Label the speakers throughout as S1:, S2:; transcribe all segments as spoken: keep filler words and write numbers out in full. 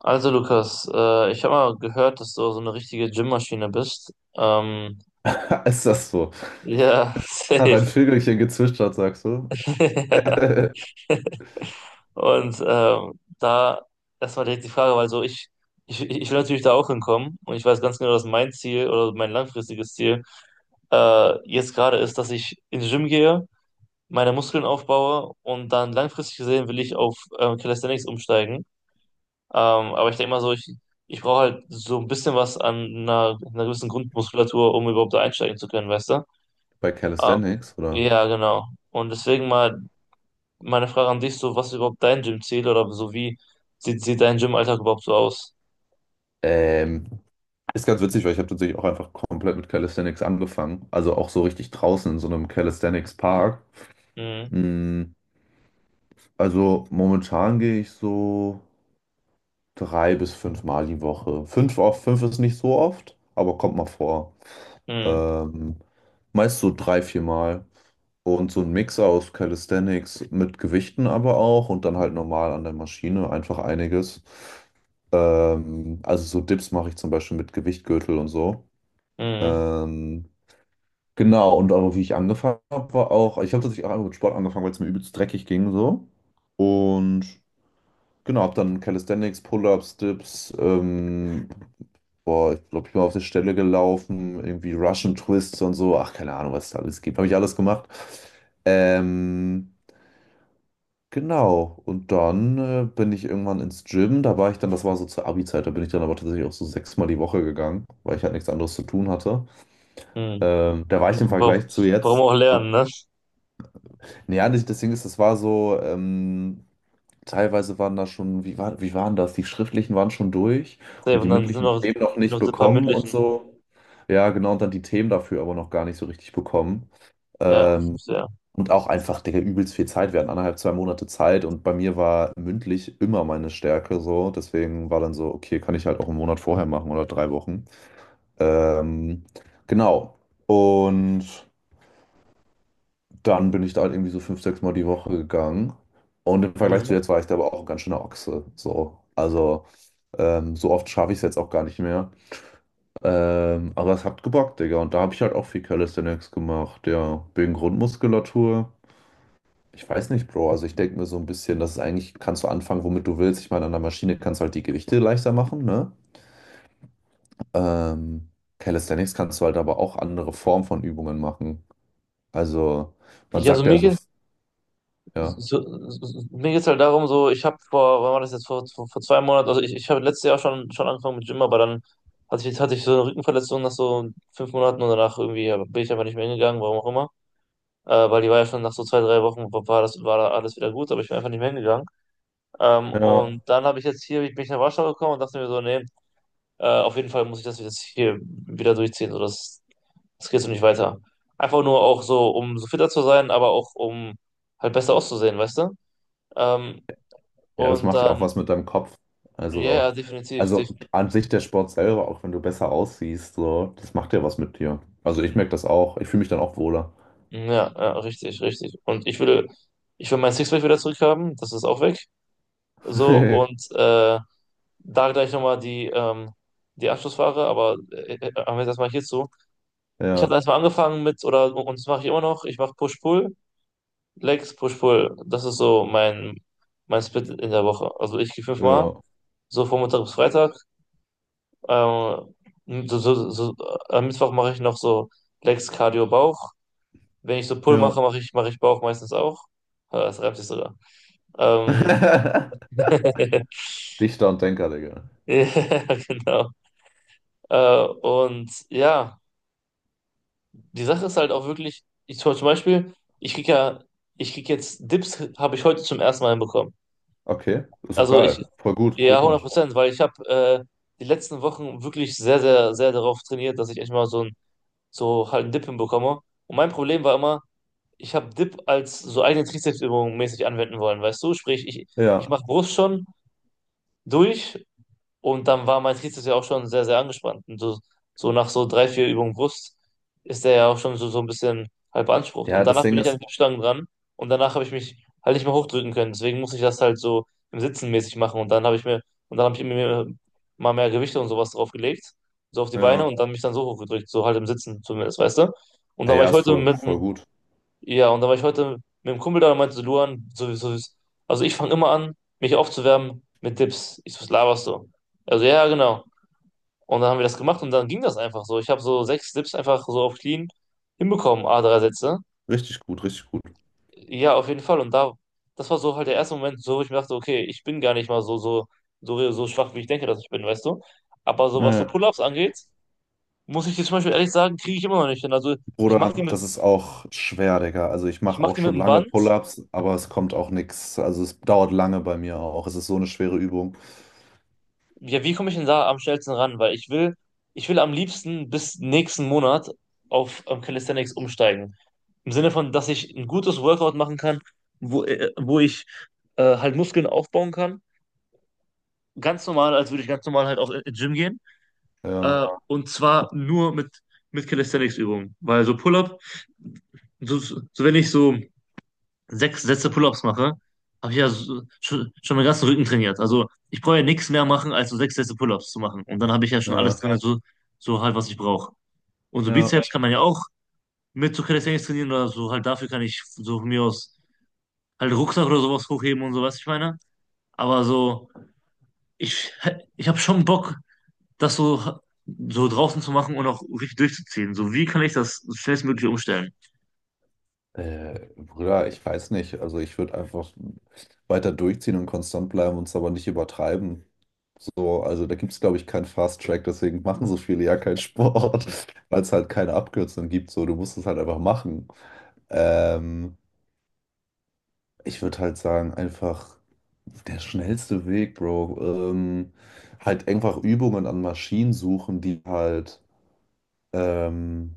S1: Also Lukas, äh, ich habe mal gehört, dass du so eine richtige Gymmaschine bist. Ähm,
S2: Ist das so?
S1: ja,
S2: Hat
S1: safe.
S2: ein Vögelchen gezwitschert, sagst du?
S1: Ja. Und ähm, da erstmal direkt die Frage, weil so ich, ich, ich will natürlich da auch hinkommen und ich weiß ganz genau, dass mein Ziel oder mein langfristiges Ziel äh, jetzt gerade ist, dass ich ins Gym gehe, meine Muskeln aufbaue und dann langfristig gesehen will ich auf ähm, Calisthenics umsteigen. Ähm, aber ich denke mal so, ich, ich brauche halt so ein bisschen was an einer, einer gewissen Grundmuskulatur, um überhaupt da einsteigen zu können, weißt du?
S2: Bei
S1: Ähm,
S2: Calisthenics,
S1: Ja,
S2: oder?
S1: ja, genau. Und deswegen mal meine Frage an dich, so was ist überhaupt dein Gym-Ziel oder so wie sieht, sieht dein Gymalltag überhaupt so aus?
S2: Ähm, Ist ganz witzig, weil ich habe tatsächlich auch einfach komplett mit Calisthenics angefangen. Also auch so richtig draußen in so einem Calisthenics-Park.
S1: Mhm,
S2: Mm, Also momentan gehe ich so drei bis fünf Mal die Woche. Fünf, auf, fünf ist nicht so oft, aber kommt mal vor.
S1: mhm,
S2: Ähm, Meist so drei, vier Mal. Und so ein Mix aus Calisthenics mit Gewichten aber auch und dann halt normal an der Maschine, einfach einiges. Ähm, also so Dips mache ich zum Beispiel mit Gewichtgürtel und so.
S1: mhm,
S2: Ähm, genau, und aber wie ich angefangen habe, war auch, ich habe tatsächlich auch einfach mit Sport angefangen, weil es mir übelst dreckig ging so. Und genau, habe dann Calisthenics, Pull-ups, Dips, ähm, boah, ich glaube, ich bin auf der Stelle gelaufen, irgendwie Russian Twists und so. Ach, keine Ahnung, was es da alles gibt. Habe ich alles gemacht. Ähm, Genau, und dann äh, bin ich irgendwann ins Gym, da war ich dann, das war so zur Abi-Zeit, da bin ich dann aber tatsächlich auch so sechsmal die Woche gegangen, weil ich halt nichts anderes zu tun hatte.
S1: mhm.
S2: Ähm, da war ich im
S1: Wa-
S2: Vergleich zu
S1: Warum
S2: jetzt,
S1: auch lernen,
S2: ab,
S1: ne?
S2: naja, das Ding ist, das war so, ähm, teilweise waren da schon, wie war, wie waren das? Die schriftlichen waren schon durch
S1: Safe.
S2: und die
S1: Und dann sind
S2: mündlichen
S1: noch,
S2: Themen noch nicht
S1: noch so ein paar
S2: bekommen und
S1: mündlichen.
S2: so. Ja, genau, und dann die Themen dafür aber noch gar nicht so richtig bekommen.
S1: Ja,
S2: Ähm,
S1: ja.
S2: Und auch einfach, Digga, übelst viel Zeit. Wir hatten anderthalb, zwei Monate Zeit und bei mir war mündlich immer meine Stärke so. Deswegen war dann so, okay, kann ich halt auch einen Monat vorher machen oder drei Wochen. Ähm, genau. Und dann bin ich da halt irgendwie so fünf, sechs Mal die Woche gegangen. Und im Vergleich zu
S1: Mhm.
S2: jetzt war ich da aber auch ein ganz schöner Ochse. So. Also, ähm, so oft schaffe ich es jetzt auch gar nicht mehr. Ähm, aber es hat gebockt, Digga. Und da habe ich halt auch viel Calisthenics gemacht. Ja, wegen Grundmuskulatur. Ich weiß nicht, Bro. Also ich denke mir so ein bisschen, dass es eigentlich, kannst du anfangen, womit du willst. Ich meine, an der Maschine kannst du halt die Gewichte leichter machen, ne? Ähm, Calisthenics kannst du halt aber auch andere Formen von Übungen machen. Also man
S1: Ich, also
S2: sagt ja so,
S1: mir
S2: ja,
S1: so, so, mir geht es halt darum, so, ich habe vor, wann war das jetzt, vor, vor, vor zwei Monaten, also ich, ich habe letztes Jahr schon, schon angefangen mit Gym, aber dann hatte ich, hatte ich so eine Rückenverletzung nach so fünf Monaten und danach irgendwie ja, bin ich einfach nicht mehr hingegangen, warum auch immer. Äh, weil die war ja schon nach so zwei, drei Wochen, war war das, war da alles wieder gut, aber ich bin einfach nicht mehr hingegangen. Ähm,
S2: ja,
S1: und dann habe ich jetzt hier, bin ich nach Warschau gekommen und dachte mir so, nee, äh, auf jeden Fall muss ich das jetzt hier wieder durchziehen, so, das, das geht so nicht weiter. Einfach nur auch so, um so fitter zu sein, aber auch um halt besser auszusehen, weißt du? Ähm,
S2: ja, das
S1: und
S2: macht ja auch
S1: dann,
S2: was mit deinem Kopf.
S1: ja,
S2: Also,
S1: ja, definitiv, def
S2: also an sich der Sport selber, auch wenn du besser aussiehst, so, das macht ja was mit dir. Also ich merke das auch. Ich fühle mich dann auch wohler.
S1: ja, ja, richtig, richtig. Und ich will, ich will mein Sixpack wieder zurückhaben, das ist auch weg. So, und äh, da gleich nochmal die, ähm, die Abschlussfrage, aber äh, äh, haben wir jetzt erstmal hierzu. Ich habe
S2: Ja,
S1: erstmal angefangen mit, oder und das mache ich immer noch, ich mache Push-Pull, Legs, Push-Pull. Das ist so mein, mein Split in der Woche. Also ich gehe fünfmal,
S2: ja,
S1: so von Montag bis Freitag. Ähm, so, so, so, am Mittwoch mache ich noch so Legs, Cardio, Bauch. Wenn ich so Pull
S2: ja.
S1: mache, mache ich, mache ich Bauch meistens auch. Ah, das reimt sich sogar. Ähm,
S2: Dichter und Denker, Digga.
S1: ja, genau. Äh, und ja, die Sache ist halt auch wirklich, ich zum zum Beispiel, ich krieg ja, ich krieg jetzt Dips, habe ich heute zum ersten Mal bekommen.
S2: Okay, ist doch
S1: Also ich,
S2: geil. Voll gut,
S1: ja, hundert
S2: Glückwunsch.
S1: Prozent, weil ich habe äh, die letzten Wochen wirklich sehr, sehr, sehr darauf trainiert, dass ich echt mal so ein, so halt einen Dip hinbekomme. Und mein Problem war immer, ich habe Dip als so eigene Trizepsübung mäßig anwenden wollen, weißt du? Sprich, ich, ich
S2: Ja.
S1: mache Brust schon, durch und dann war mein Trizeps ja auch schon sehr, sehr angespannt. Und so, so nach so drei, vier Übungen Brust ist der ja auch schon so, so ein bisschen halb beansprucht. Und
S2: Ja, das
S1: danach bin
S2: Ding
S1: ich an
S2: ist,
S1: die Stangen dran und danach habe ich mich halt nicht mehr hochdrücken können. Deswegen muss ich das halt so im Sitzen mäßig machen. Und dann habe ich mir, und dann habe ich mir mal mehr Gewichte und sowas draufgelegt, so auf die Beine
S2: ja,
S1: und dann mich dann so hochgedrückt, so halt im Sitzen zumindest, weißt du? Und
S2: ja,
S1: dann war
S2: ja,
S1: ich
S2: ist
S1: heute
S2: voll,
S1: mit,
S2: voll gut.
S1: ja, und da war ich heute mit dem Kumpel da und meinte so, Luan, sowieso, also ich fange immer an, mich aufzuwärmen mit Dips. Ich so, was laberst du? Also ja, genau. Und dann haben wir das gemacht und dann ging das einfach so. Ich habe so sechs Dips einfach so auf clean hinbekommen, a drei Sätze.
S2: Richtig gut, richtig gut.
S1: Ja, auf jeden Fall. Und da, das war so halt der erste Moment, so wo ich mir dachte, okay, ich bin gar nicht mal so, so, so, so schwach, wie ich denke, dass ich bin, weißt du? Aber so was so
S2: Naja.
S1: Pull-ups angeht, muss ich jetzt zum Beispiel ehrlich sagen, kriege ich immer noch nicht hin. Also ich mache die
S2: Bruder,
S1: mit,
S2: das ist auch schwer, Digga. Also ich
S1: ich
S2: mache
S1: mache
S2: auch
S1: die mit
S2: schon
S1: dem
S2: lange
S1: Band.
S2: Pull-ups, aber es kommt auch nichts. Also es dauert lange bei mir auch. Es ist so eine schwere Übung.
S1: Ja, wie komme ich denn da am schnellsten ran? Weil ich will, ich will am liebsten bis nächsten Monat auf ähm, Calisthenics umsteigen. Im Sinne von, dass ich ein gutes Workout machen kann, wo, äh, wo ich äh, halt Muskeln aufbauen kann. Ganz normal, als würde ich ganz normal halt auf äh, Gym gehen. Äh,
S2: Ja,
S1: Ja. Und zwar nur mit, mit Calisthenics-Übungen. Weil so Pull-up, so, so wenn ich so sechs Sätze Pull-ups mache, habe ich ja so, schon, schon meinen ganzen Rücken trainiert. Also ich brauche ja nichts mehr machen, als so sechs Sätze Pull-ups zu machen. Und dann habe ich ja schon alles
S2: ja,
S1: drin, ja, so, so halt, was ich brauche. Und so
S2: ja.
S1: Bizeps kann man ja auch mit so Calisthenics trainieren oder so halt dafür kann ich so von mir aus halt Rucksack oder sowas hochheben und so, was ich meine. Aber so, ich, ich habe schon Bock, das so, so draußen zu machen und auch richtig durchzuziehen. So, wie kann ich das schnellstmöglich umstellen?
S2: Äh, Bruder, ich weiß nicht. Also ich würde einfach weiter durchziehen und konstant bleiben und es aber nicht übertreiben. So, also da gibt es, glaube ich, keinen Fast Track, deswegen machen so viele ja keinen Sport, weil es halt keine Abkürzung gibt. So, du musst es halt einfach machen. Ähm, Ich würde halt sagen, einfach der schnellste Weg, Bro. Ähm, halt einfach Übungen an Maschinen suchen, die halt ähm,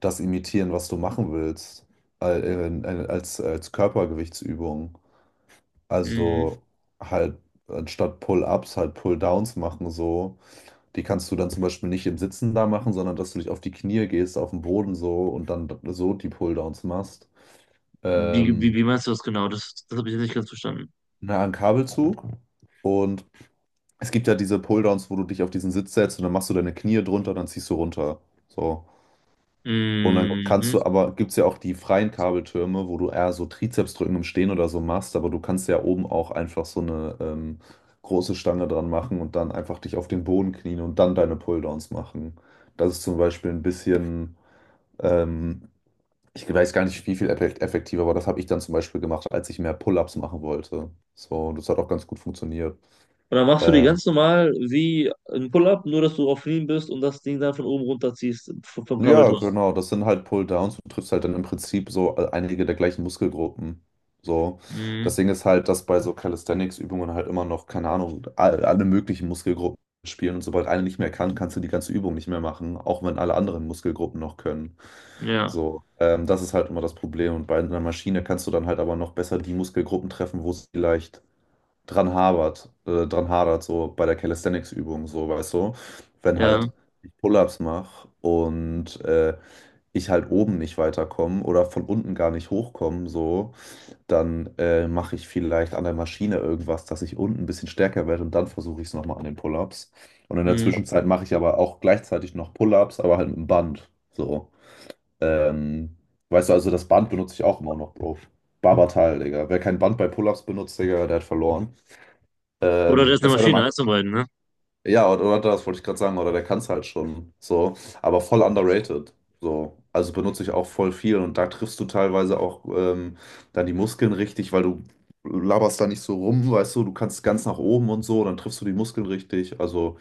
S2: das imitieren, was du machen willst, al- in- in- als, als Körpergewichtsübung.
S1: Mhm.
S2: Also halt anstatt Pull-ups halt Pull-downs machen so. Die kannst du dann zum Beispiel nicht im Sitzen da machen, sondern dass du dich auf die Knie gehst, auf den Boden so und dann so die Pull-downs machst.
S1: Wie, wie,
S2: Ähm,
S1: wie meinst du das genau? Das, das habe ich jetzt nicht ganz verstanden.
S2: na, ein Kabelzug. Und es gibt ja diese Pull-downs, wo du dich auf diesen Sitz setzt und dann machst du deine Knie drunter, dann ziehst du runter. So. Und dann kannst
S1: Mhm.
S2: du aber, gibt es ja auch die freien Kabeltürme, wo du eher so Trizepsdrücken im Stehen oder so machst, aber du kannst ja oben auch einfach so eine ähm, große Stange dran machen und dann einfach dich auf den Boden knien und dann deine Pulldowns machen. Das ist zum Beispiel ein bisschen, ähm, ich weiß gar nicht, wie viel effe- effektiver, aber das habe ich dann zum Beispiel gemacht, als ich mehr Pull-ups machen wollte. So, das hat auch ganz gut funktioniert.
S1: Und dann machst du die
S2: Ähm,
S1: ganz normal wie ein Pull-up, nur dass du auf Knien bist und das Ding dann von oben runterziehst vom, vom
S2: Ja,
S1: Kabelturm.
S2: genau, das sind halt Pull-Downs. Du triffst halt dann im Prinzip so äh, einige der gleichen Muskelgruppen. So. Das
S1: Mhm.
S2: Ding ist halt, dass bei so Calisthenics-Übungen halt immer noch, keine Ahnung, all- alle möglichen Muskelgruppen spielen und sobald eine nicht mehr kann, kannst du die ganze Übung nicht mehr machen, auch wenn alle anderen Muskelgruppen noch können.
S1: Ja,
S2: So, ähm, das ist halt immer das Problem. Und bei einer Maschine kannst du dann halt aber noch besser die Muskelgruppen treffen, wo es vielleicht dran hapert, äh, dran hadert, so bei der Calisthenics-Übung, so, weißt du, wenn
S1: ja.
S2: halt ich Pull-ups mache und äh, ich halt oben nicht weiterkomme oder von unten gar nicht hochkomme, so, dann äh, mache ich vielleicht an der Maschine irgendwas, dass ich unten ein bisschen stärker werde und dann versuche ich es nochmal an den Pull-ups. Und in der
S1: Mhm.
S2: Zwischenzeit mache ich aber auch gleichzeitig noch Pull-ups, aber halt mit dem Band, so. Ähm, Weißt du, also das Band benutze ich auch immer noch, Bro. Barbatal, Digga. Wer kein Band bei Pull-ups benutzt, Digga, der hat verloren.
S1: Oder das
S2: Ähm,
S1: ist eine
S2: Jetzt hätte man,
S1: Maschine, eins von beiden, ne?
S2: ja, oder, oder das wollte ich gerade sagen, oder der kann es halt schon so, aber voll underrated. So. Also benutze ich auch voll viel und da triffst du teilweise auch ähm, dann die Muskeln richtig, weil du laberst da nicht so rum, weißt du, du kannst ganz nach oben und so, dann triffst du die Muskeln richtig. Also,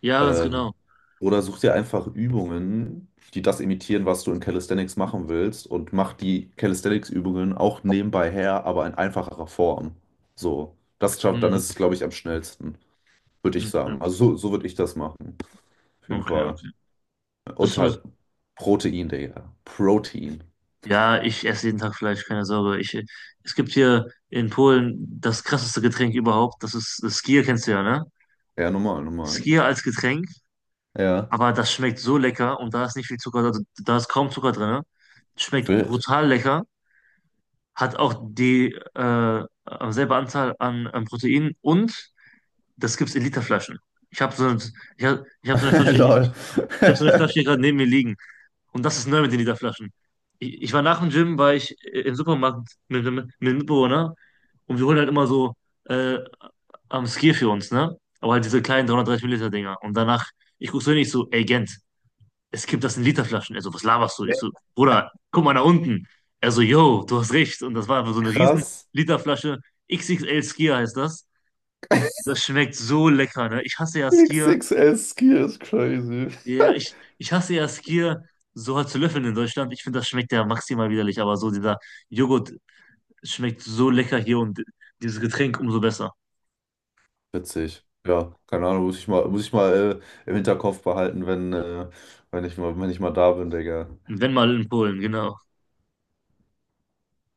S1: Ja, ganz
S2: ähm,
S1: genau.
S2: oder such dir einfach Übungen, die das imitieren, was du in Calisthenics machen willst und mach die Calisthenics-Übungen auch nebenbei her, aber in einfacherer Form. So. Das schafft, dann
S1: Mhm.
S2: ist es, glaube ich, am schnellsten würde ich sagen.
S1: Okay,
S2: Also so, so würde ich das machen. Auf jeden
S1: okay,
S2: Fall.
S1: okay. Das
S2: Und
S1: muss.
S2: halt Protein, Digga. Protein.
S1: Ja, ich esse jeden Tag Fleisch, keine Sorge. Ich, äh, es gibt hier in Polen das krasseste Getränk überhaupt. Das ist das Skier, kennst du ja, ne?
S2: Ja, normal, normal.
S1: Skier als Getränk,
S2: Ja,
S1: aber das schmeckt so lecker und da ist nicht viel Zucker, da, da ist kaum Zucker drin. Schmeckt
S2: wild.
S1: brutal lecker. Hat auch die äh, äh, selbe Anzahl an, an Protein und das gibt's in Literflaschen. Ich habe so, ein- ich hab, ich hab so eine Flasche, hier-
S2: Lol.
S1: ich habe so eine Flasche hier gerade neben mir liegen und das ist neu mit den Literflaschen. Ich, ich war nach dem Gym, war ich äh, im Supermarkt mit mit- mit einem Mitbewohner und wir holen halt immer so äh, am Skier für uns, ne? Aber halt diese kleinen dreihundertdreißig Milliliter Dinger und danach ich guck so hin, ich so, ey Gent, es gibt das in Literflaschen. Er so, was laberst du? Ich so, Bruder, guck mal nach unten. Er so, yo, du hast recht. Und das war einfach so eine riesen
S2: Krass.
S1: Literflasche. X X L Skier heißt das. Das schmeckt so lecker, ne? Ich hasse ja Skier.
S2: X X S Skier ist crazy.
S1: Ja, ich, ich hasse ja Skier so halt zu löffeln in Deutschland. Ich finde, das schmeckt ja maximal widerlich, aber so dieser Joghurt schmeckt so lecker hier und dieses Getränk umso besser.
S2: Witzig. Ja, keine Ahnung, muss ich mal, muss ich mal äh, im Hinterkopf behalten, wenn, äh, wenn ich mal, wenn ich mal da bin, Digga.
S1: Wenn mal in Polen, genau.